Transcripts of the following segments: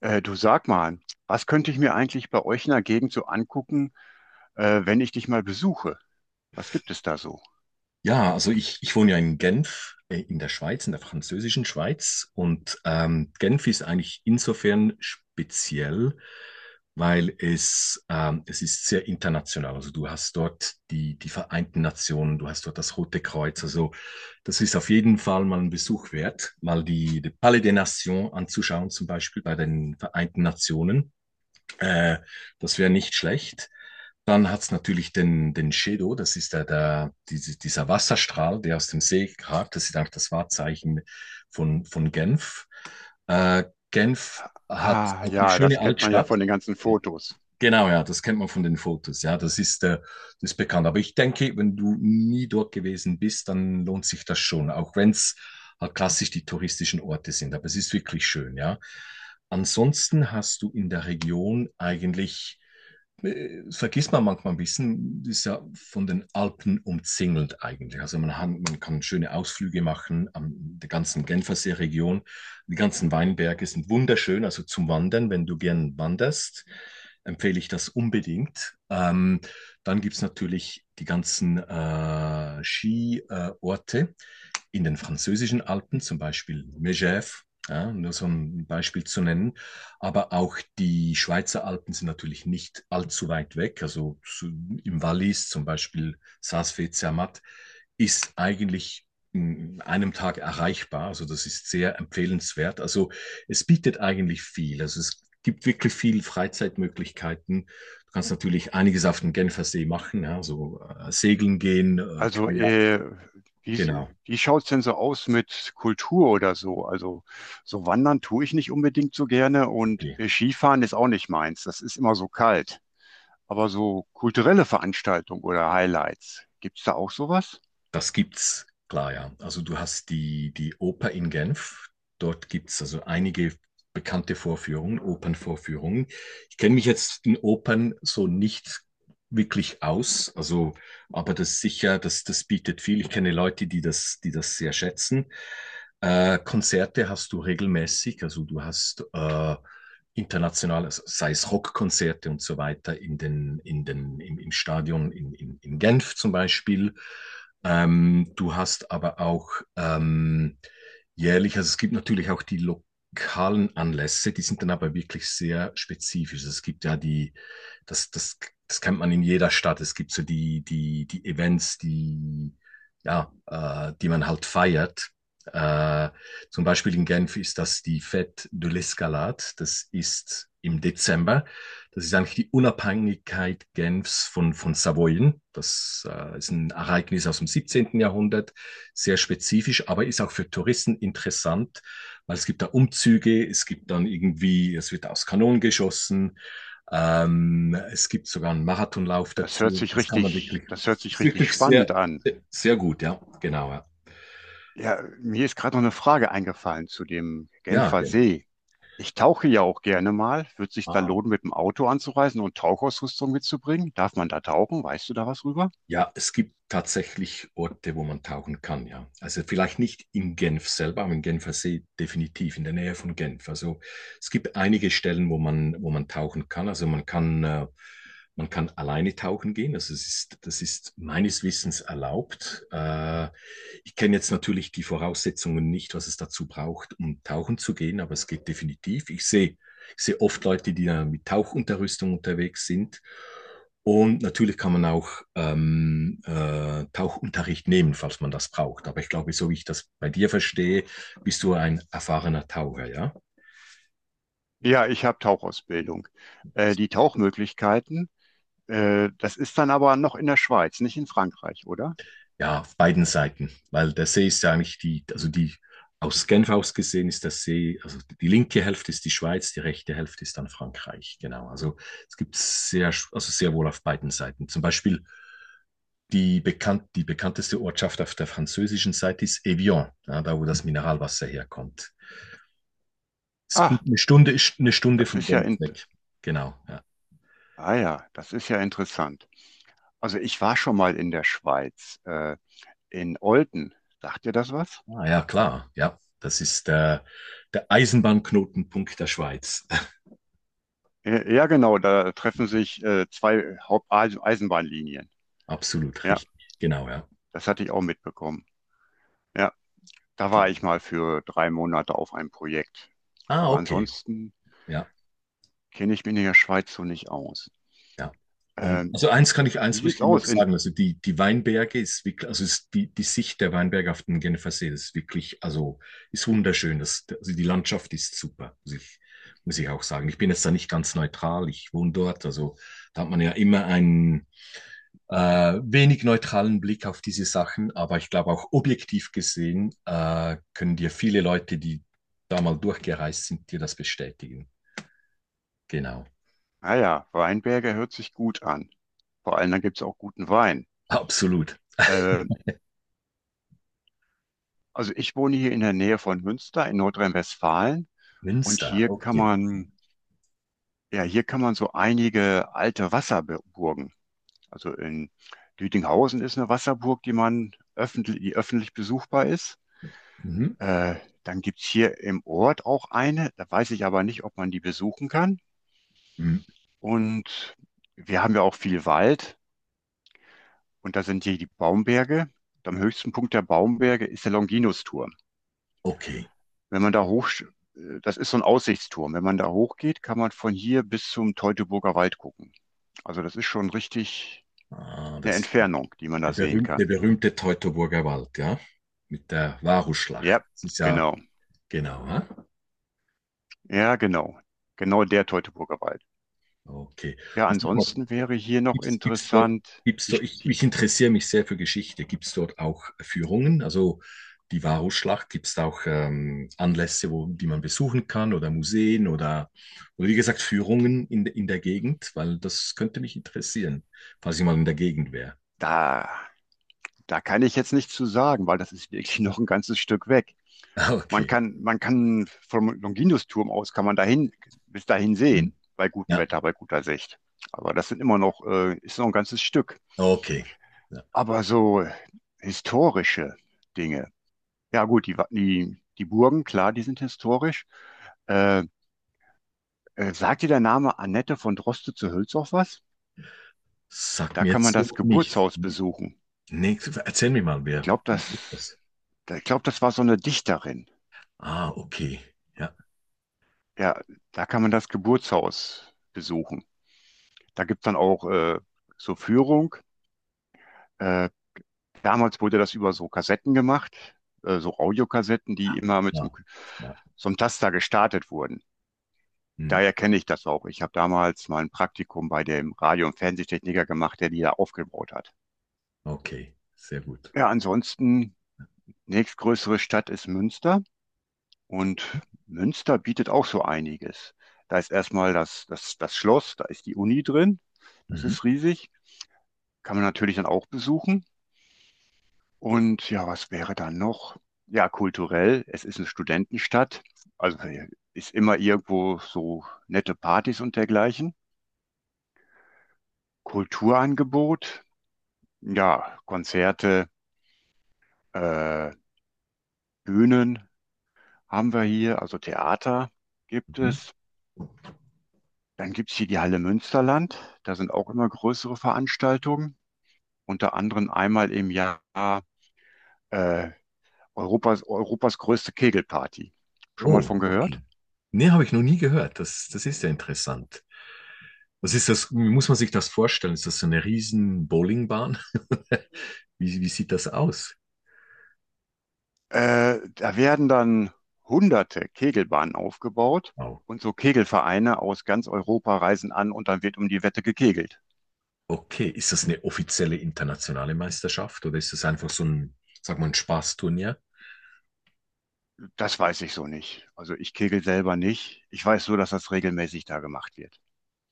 Du sag mal, was könnte ich mir eigentlich bei euch in der Gegend so angucken, wenn ich dich mal besuche? Was gibt es da so? Ja, also ich wohne ja in Genf, in der Schweiz, in der französischen Schweiz. Und Genf ist eigentlich insofern speziell, weil es ist sehr international. Also du hast dort die Vereinten Nationen, du hast dort das Rote Kreuz. Also das ist auf jeden Fall mal ein Besuch wert, mal die Palais des Nations anzuschauen, zum Beispiel bei den Vereinten Nationen. Äh, Das wäre nicht schlecht. Dann hat's natürlich den Shedo, das ist dieser Wasserstrahl, der aus dem See ragt. Das ist eigentlich das Wahrzeichen von Genf. Äh, Genf hat Ah, auch eine ja, das schöne kennt man ja Altstadt. von den ganzen Ja, Fotos. genau, ja, das kennt man von den Fotos. Ja, das ist bekannt. Aber ich denke, wenn du nie dort gewesen bist, dann lohnt sich das schon, auch wenn es halt klassisch die touristischen Orte sind. Aber es ist wirklich schön, ja. Ansonsten hast du in der Region eigentlich vergisst man manchmal ein bisschen, ist ja von den Alpen umzingelt eigentlich. Also man kann schöne Ausflüge machen an der ganzen Genfersee-Region. Die ganzen Weinberge sind wunderschön, also zum Wandern, wenn du gern wanderst, empfehle ich das unbedingt. Dann gibt es natürlich die ganzen Skiorte. In den französischen Alpen, zum Beispiel Megève, ja, nur so ein Beispiel zu nennen. Aber auch die Schweizer Alpen sind natürlich nicht allzu weit weg. Also im Wallis, zum Beispiel Saas-Fee-Zermatt, ist eigentlich in einem Tag erreichbar. Also das ist sehr empfehlenswert. Also es bietet eigentlich viel. Also es gibt wirklich viel Freizeitmöglichkeiten. Du kannst natürlich einiges auf dem Genfersee machen, ja, so segeln gehen, Also, Kajak, äh, genau. wie, wie schaut's denn so aus mit Kultur oder so? Also, so wandern tue ich nicht unbedingt so gerne und Okay. Skifahren ist auch nicht meins. Das ist immer so kalt. Aber so kulturelle Veranstaltungen oder Highlights, gibt's da auch sowas? Das gibt's, klar, ja. Also du hast die Oper in Genf. Dort gibt es also einige bekannte Vorführungen, Opernvorführungen. Ich kenne mich jetzt in Opern so nicht wirklich aus, also, aber das sicher, das bietet viel. Ich kenne Leute, die das sehr schätzen. Konzerte hast du regelmäßig, also du hast international, sei es Rockkonzerte und so weiter, im Stadion in Genf zum Beispiel. Du hast aber auch ähm, jährlich, also es gibt natürlich auch die lokalen Anlässe, die sind dann aber wirklich sehr spezifisch. Es gibt ja das, das, das kennt man in jeder Stadt. Es gibt so die Events, ja, die man halt feiert. Äh, Zum Beispiel in Genf ist das die Fête de l'Escalade. Das ist im Dezember. Das ist eigentlich die Unabhängigkeit Genfs von Savoyen. Das ist ein Ereignis aus dem 17. Jahrhundert, sehr spezifisch, aber ist auch für Touristen interessant, weil es gibt da Umzüge, es gibt dann irgendwie, es wird aus Kanonen geschossen, es gibt sogar einen Marathonlauf Das hört dazu. sich Das kann man richtig, wirklich, das hört das sich ist richtig wirklich spannend sehr, an. sehr gut, ja, genau. Ja, Ja, mir ist gerade noch eine Frage eingefallen zu dem ja Genfer Genf. See. Ich tauche ja auch gerne mal. Wird sich da Ah. lohnen, mit dem Auto anzureisen und Tauchausrüstung mitzubringen? Darf man da tauchen? Weißt du da was rüber? Ja, es gibt tatsächlich Orte, wo man tauchen kann, ja. Also vielleicht nicht in Genf selber, aber im Genfer See definitiv, in der Nähe von Genf. Also es gibt einige Stellen, wo man tauchen kann. Also man kann alleine tauchen gehen. Also es ist, das ist meines Wissens erlaubt. Ich kenne jetzt natürlich die Voraussetzungen nicht, was es dazu braucht, um tauchen zu gehen, aber es geht definitiv. Ich sehe oft Leute, die da mit Tauchunterrüstung unterwegs sind. Und natürlich kann man auch Tauchunterricht nehmen, falls man das braucht. Aber ich glaube, so wie ich das bei dir verstehe, bist du ein erfahrener Taucher, ja? Ja, ich habe Tauchausbildung. Die Tauchmöglichkeiten, das ist dann aber noch in der Schweiz, nicht in Frankreich, oder? Ja, auf beiden Seiten. Weil der See ist ja eigentlich aus Genf aus gesehen ist der See, also die linke Hälfte ist die Schweiz, die rechte Hälfte ist dann Frankreich. Genau. Also es gibt sehr, also sehr wohl auf beiden Seiten. Zum Beispiel die bekannteste Ortschaft auf der französischen Seite ist Evian, ja, da wo das Mineralwasser herkommt. Ist gut, Ach, eine Stunde ist eine Stunde das von ist ja Genf in weg. Genau, ja. ah ja, das ist ja interessant. Also ich war schon mal in der Schweiz, in Olten. Sagt dir das was? Ah, ja, klar, ja. Das ist der Eisenbahnknotenpunkt der Schweiz. Ja, genau, da treffen sich zwei Haupt-Eisenbahnlinien. Absolut Ja, richtig, genau, ja. das hatte ich auch mitbekommen. Ja, da Ge- war ich mal für 3 Monate auf einem Projekt. Ah, Aber okay, ansonsten ja, kenne ich mich in der Schweiz so nicht aus. ja. Und Ähm, also wie eins muss sieht's ich noch aus? In, sagen, also die Weinberge ist wirklich, also ist die Sicht der Weinberge auf den Genfersee ist wirklich, also ist wunderschön. Das, also die Landschaft ist super, muss ich auch sagen. Ich bin jetzt da nicht ganz neutral, ich wohne dort, also da hat man ja immer einen wenig neutralen Blick auf diese Sachen, aber ich glaube auch objektiv gesehen können dir viele Leute, die da mal durchgereist sind, dir das bestätigen. Genau, naja, Weinberge hört sich gut an. Vor allem, dann gibt's auch guten Wein. absolut. Äh, also ich wohne hier in der Nähe von Münster in Nordrhein-Westfalen und Münster, hier kann okay. man, ja, hier kann man so einige alte Wasserburgen. Also in Lüdinghausen ist eine Wasserburg, die man öffentlich, die öffentlich besuchbar ist. Mhm. Äh, dann gibt es hier im Ort auch eine, da weiß ich aber nicht, ob man die besuchen kann. Mhm. Und wir haben ja auch viel Wald und da sind hier die Baumberge. Und am höchsten Punkt der Baumberge ist der Longinusturm. Okay. Wenn man da hoch, das ist so ein Aussichtsturm. Wenn man da hochgeht, kann man von hier bis zum Teutoburger Wald gucken. Also das ist schon richtig Ah, eine das ist der Entfernung, die man da der sehen berühmte, der kann. berühmte Teutoburger Wald, ja? Mit der Varusschlacht. Ja, Das ist ja, genau. genau, ja? Ja, genau. Genau der Teutoburger Wald. Okay. Ja, Und sag mal, ansonsten wäre hier noch Gibt's, gibt's dort, interessant, gibt's die, dort, ich, die, ich interessiere mich sehr für Geschichte. Gibt es dort auch Führungen? Also die Varusschlacht, gibt es da auch Anlässe, wo, die man besuchen kann oder Museen oder wie gesagt Führungen in der Gegend? Weil das könnte mich interessieren, falls ich mal in der Gegend wäre. da, da kann ich jetzt nichts zu sagen, weil das ist wirklich noch ein ganzes Stück weg. Ah, Man okay. kann, man kann vom Longinus-Turm aus, kann man dahin, bis dahin Hm. sehen, bei gutem Ja, Wetter, bei guter Sicht. Aber das sind immer noch, ist noch ein ganzes Stück. okay. Ja. Aber so historische Dinge. Ja, gut, die Burgen, klar, die sind historisch. Äh, sagt dir der Name Annette von Droste zu Hülshoff was? Sag Da mir kann man jetzt das so nicht. Geburtshaus besuchen. Nee, erzähl mir mal, Ich wer glaube, das, ist das? ich glaube, das war so eine Dichterin. Ah, okay. Ja, Ja, da kann man das Geburtshaus besuchen. Da gibt es dann auch so Führung. Äh, damals wurde das über so Kassetten gemacht, so Audiokassetten, die immer mit klar. Ja. so einem Taster gestartet wurden. Hm. Daher kenne ich das auch. Ich habe damals mal ein Praktikum bei dem Radio- und Fernsehtechniker gemacht, der die da aufgebaut hat. Okay, sehr gut. Ja, ansonsten, nächstgrößere Stadt ist Münster. Und Münster bietet auch so einiges. Da ist erstmal das Schloss, da ist die Uni drin. Das Mhm. ist riesig. Kann man natürlich dann auch besuchen. Und ja, was wäre dann noch? Ja, kulturell. Es ist eine Studentenstadt. Also äh, ist immer irgendwo so nette Partys und dergleichen. Kulturangebot. Ja, Konzerte, äh, Bühnen haben wir hier. Also Theater gibt Mhm. es. Dann gibt's hier die Halle Münsterland. Da sind auch immer größere Veranstaltungen. Unter anderem einmal im Jahr äh, Europas größte Kegelparty. Schon mal Oh, von gehört? okay. Nee, habe ich noch nie gehört. Das ist ja interessant. Was ist das? Wie muss man sich das vorstellen? Ist das so eine riesen Bowlingbahn? Wie sieht das aus? Da werden dann hunderte Kegelbahnen aufgebaut Wow. und so Kegelvereine aus ganz Europa reisen an und dann wird um die Wette gekegelt. Okay, ist das eine offizielle internationale Meisterschaft oder ist das einfach so ein, sag mal, ein Spaßturnier? Das weiß ich so nicht. Also ich kegel selber nicht. Ich weiß nur, dass das regelmäßig da gemacht wird.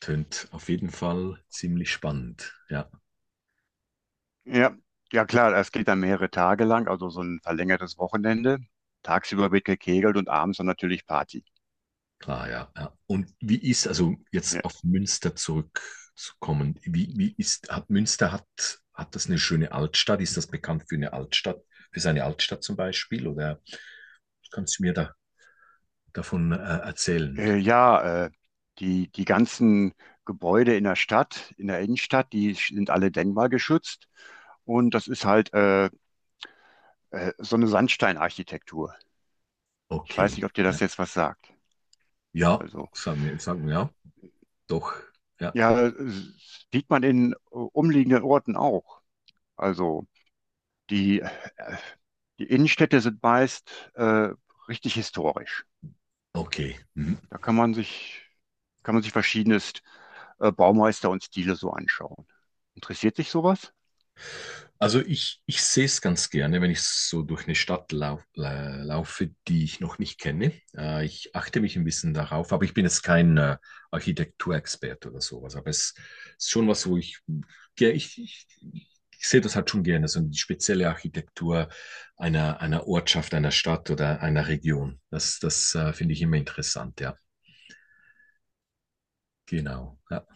Tönt auf jeden Fall ziemlich spannend. Ja. Ja, ja klar, es geht dann mehrere Tage lang, also so ein verlängertes Wochenende. Tagsüber wird gekegelt und abends dann natürlich Party. Klar, ja, ja. Und also jetzt Ja, auf Münster zurückzukommen, hat Münster hat das eine schöne Altstadt? Ist das bekannt für eine Altstadt, für seine Altstadt zum Beispiel? Oder kannst du mir da, davon erzählen? äh, ja äh, die, die ganzen Gebäude in der Stadt, in der Innenstadt, die sind alle denkmalgeschützt. Und das ist halt so eine Sandsteinarchitektur. Ich weiß Okay. nicht, ob dir Ja, das jetzt was sagt. ja, Also, sagen wir, ja, doch, ja, ja, sieht man in umliegenden Orten auch. Also, die, die Innenstädte sind meist richtig historisch. okay. Mhm. Da kann man sich verschiedenes Baumeister und Stile so anschauen. Interessiert dich sowas? Also ich sehe es ganz gerne, wenn ich so durch eine Stadt laufe, die ich noch nicht kenne. Ich achte mich ein bisschen darauf, aber ich bin jetzt kein Architekturexperte oder sowas. Aber es ist schon was, wo ich, ge- ich sehe das halt schon gerne, so die spezielle Architektur einer Ortschaft, einer Stadt oder einer Region. Das finde ich immer interessant, ja. Genau. Ja.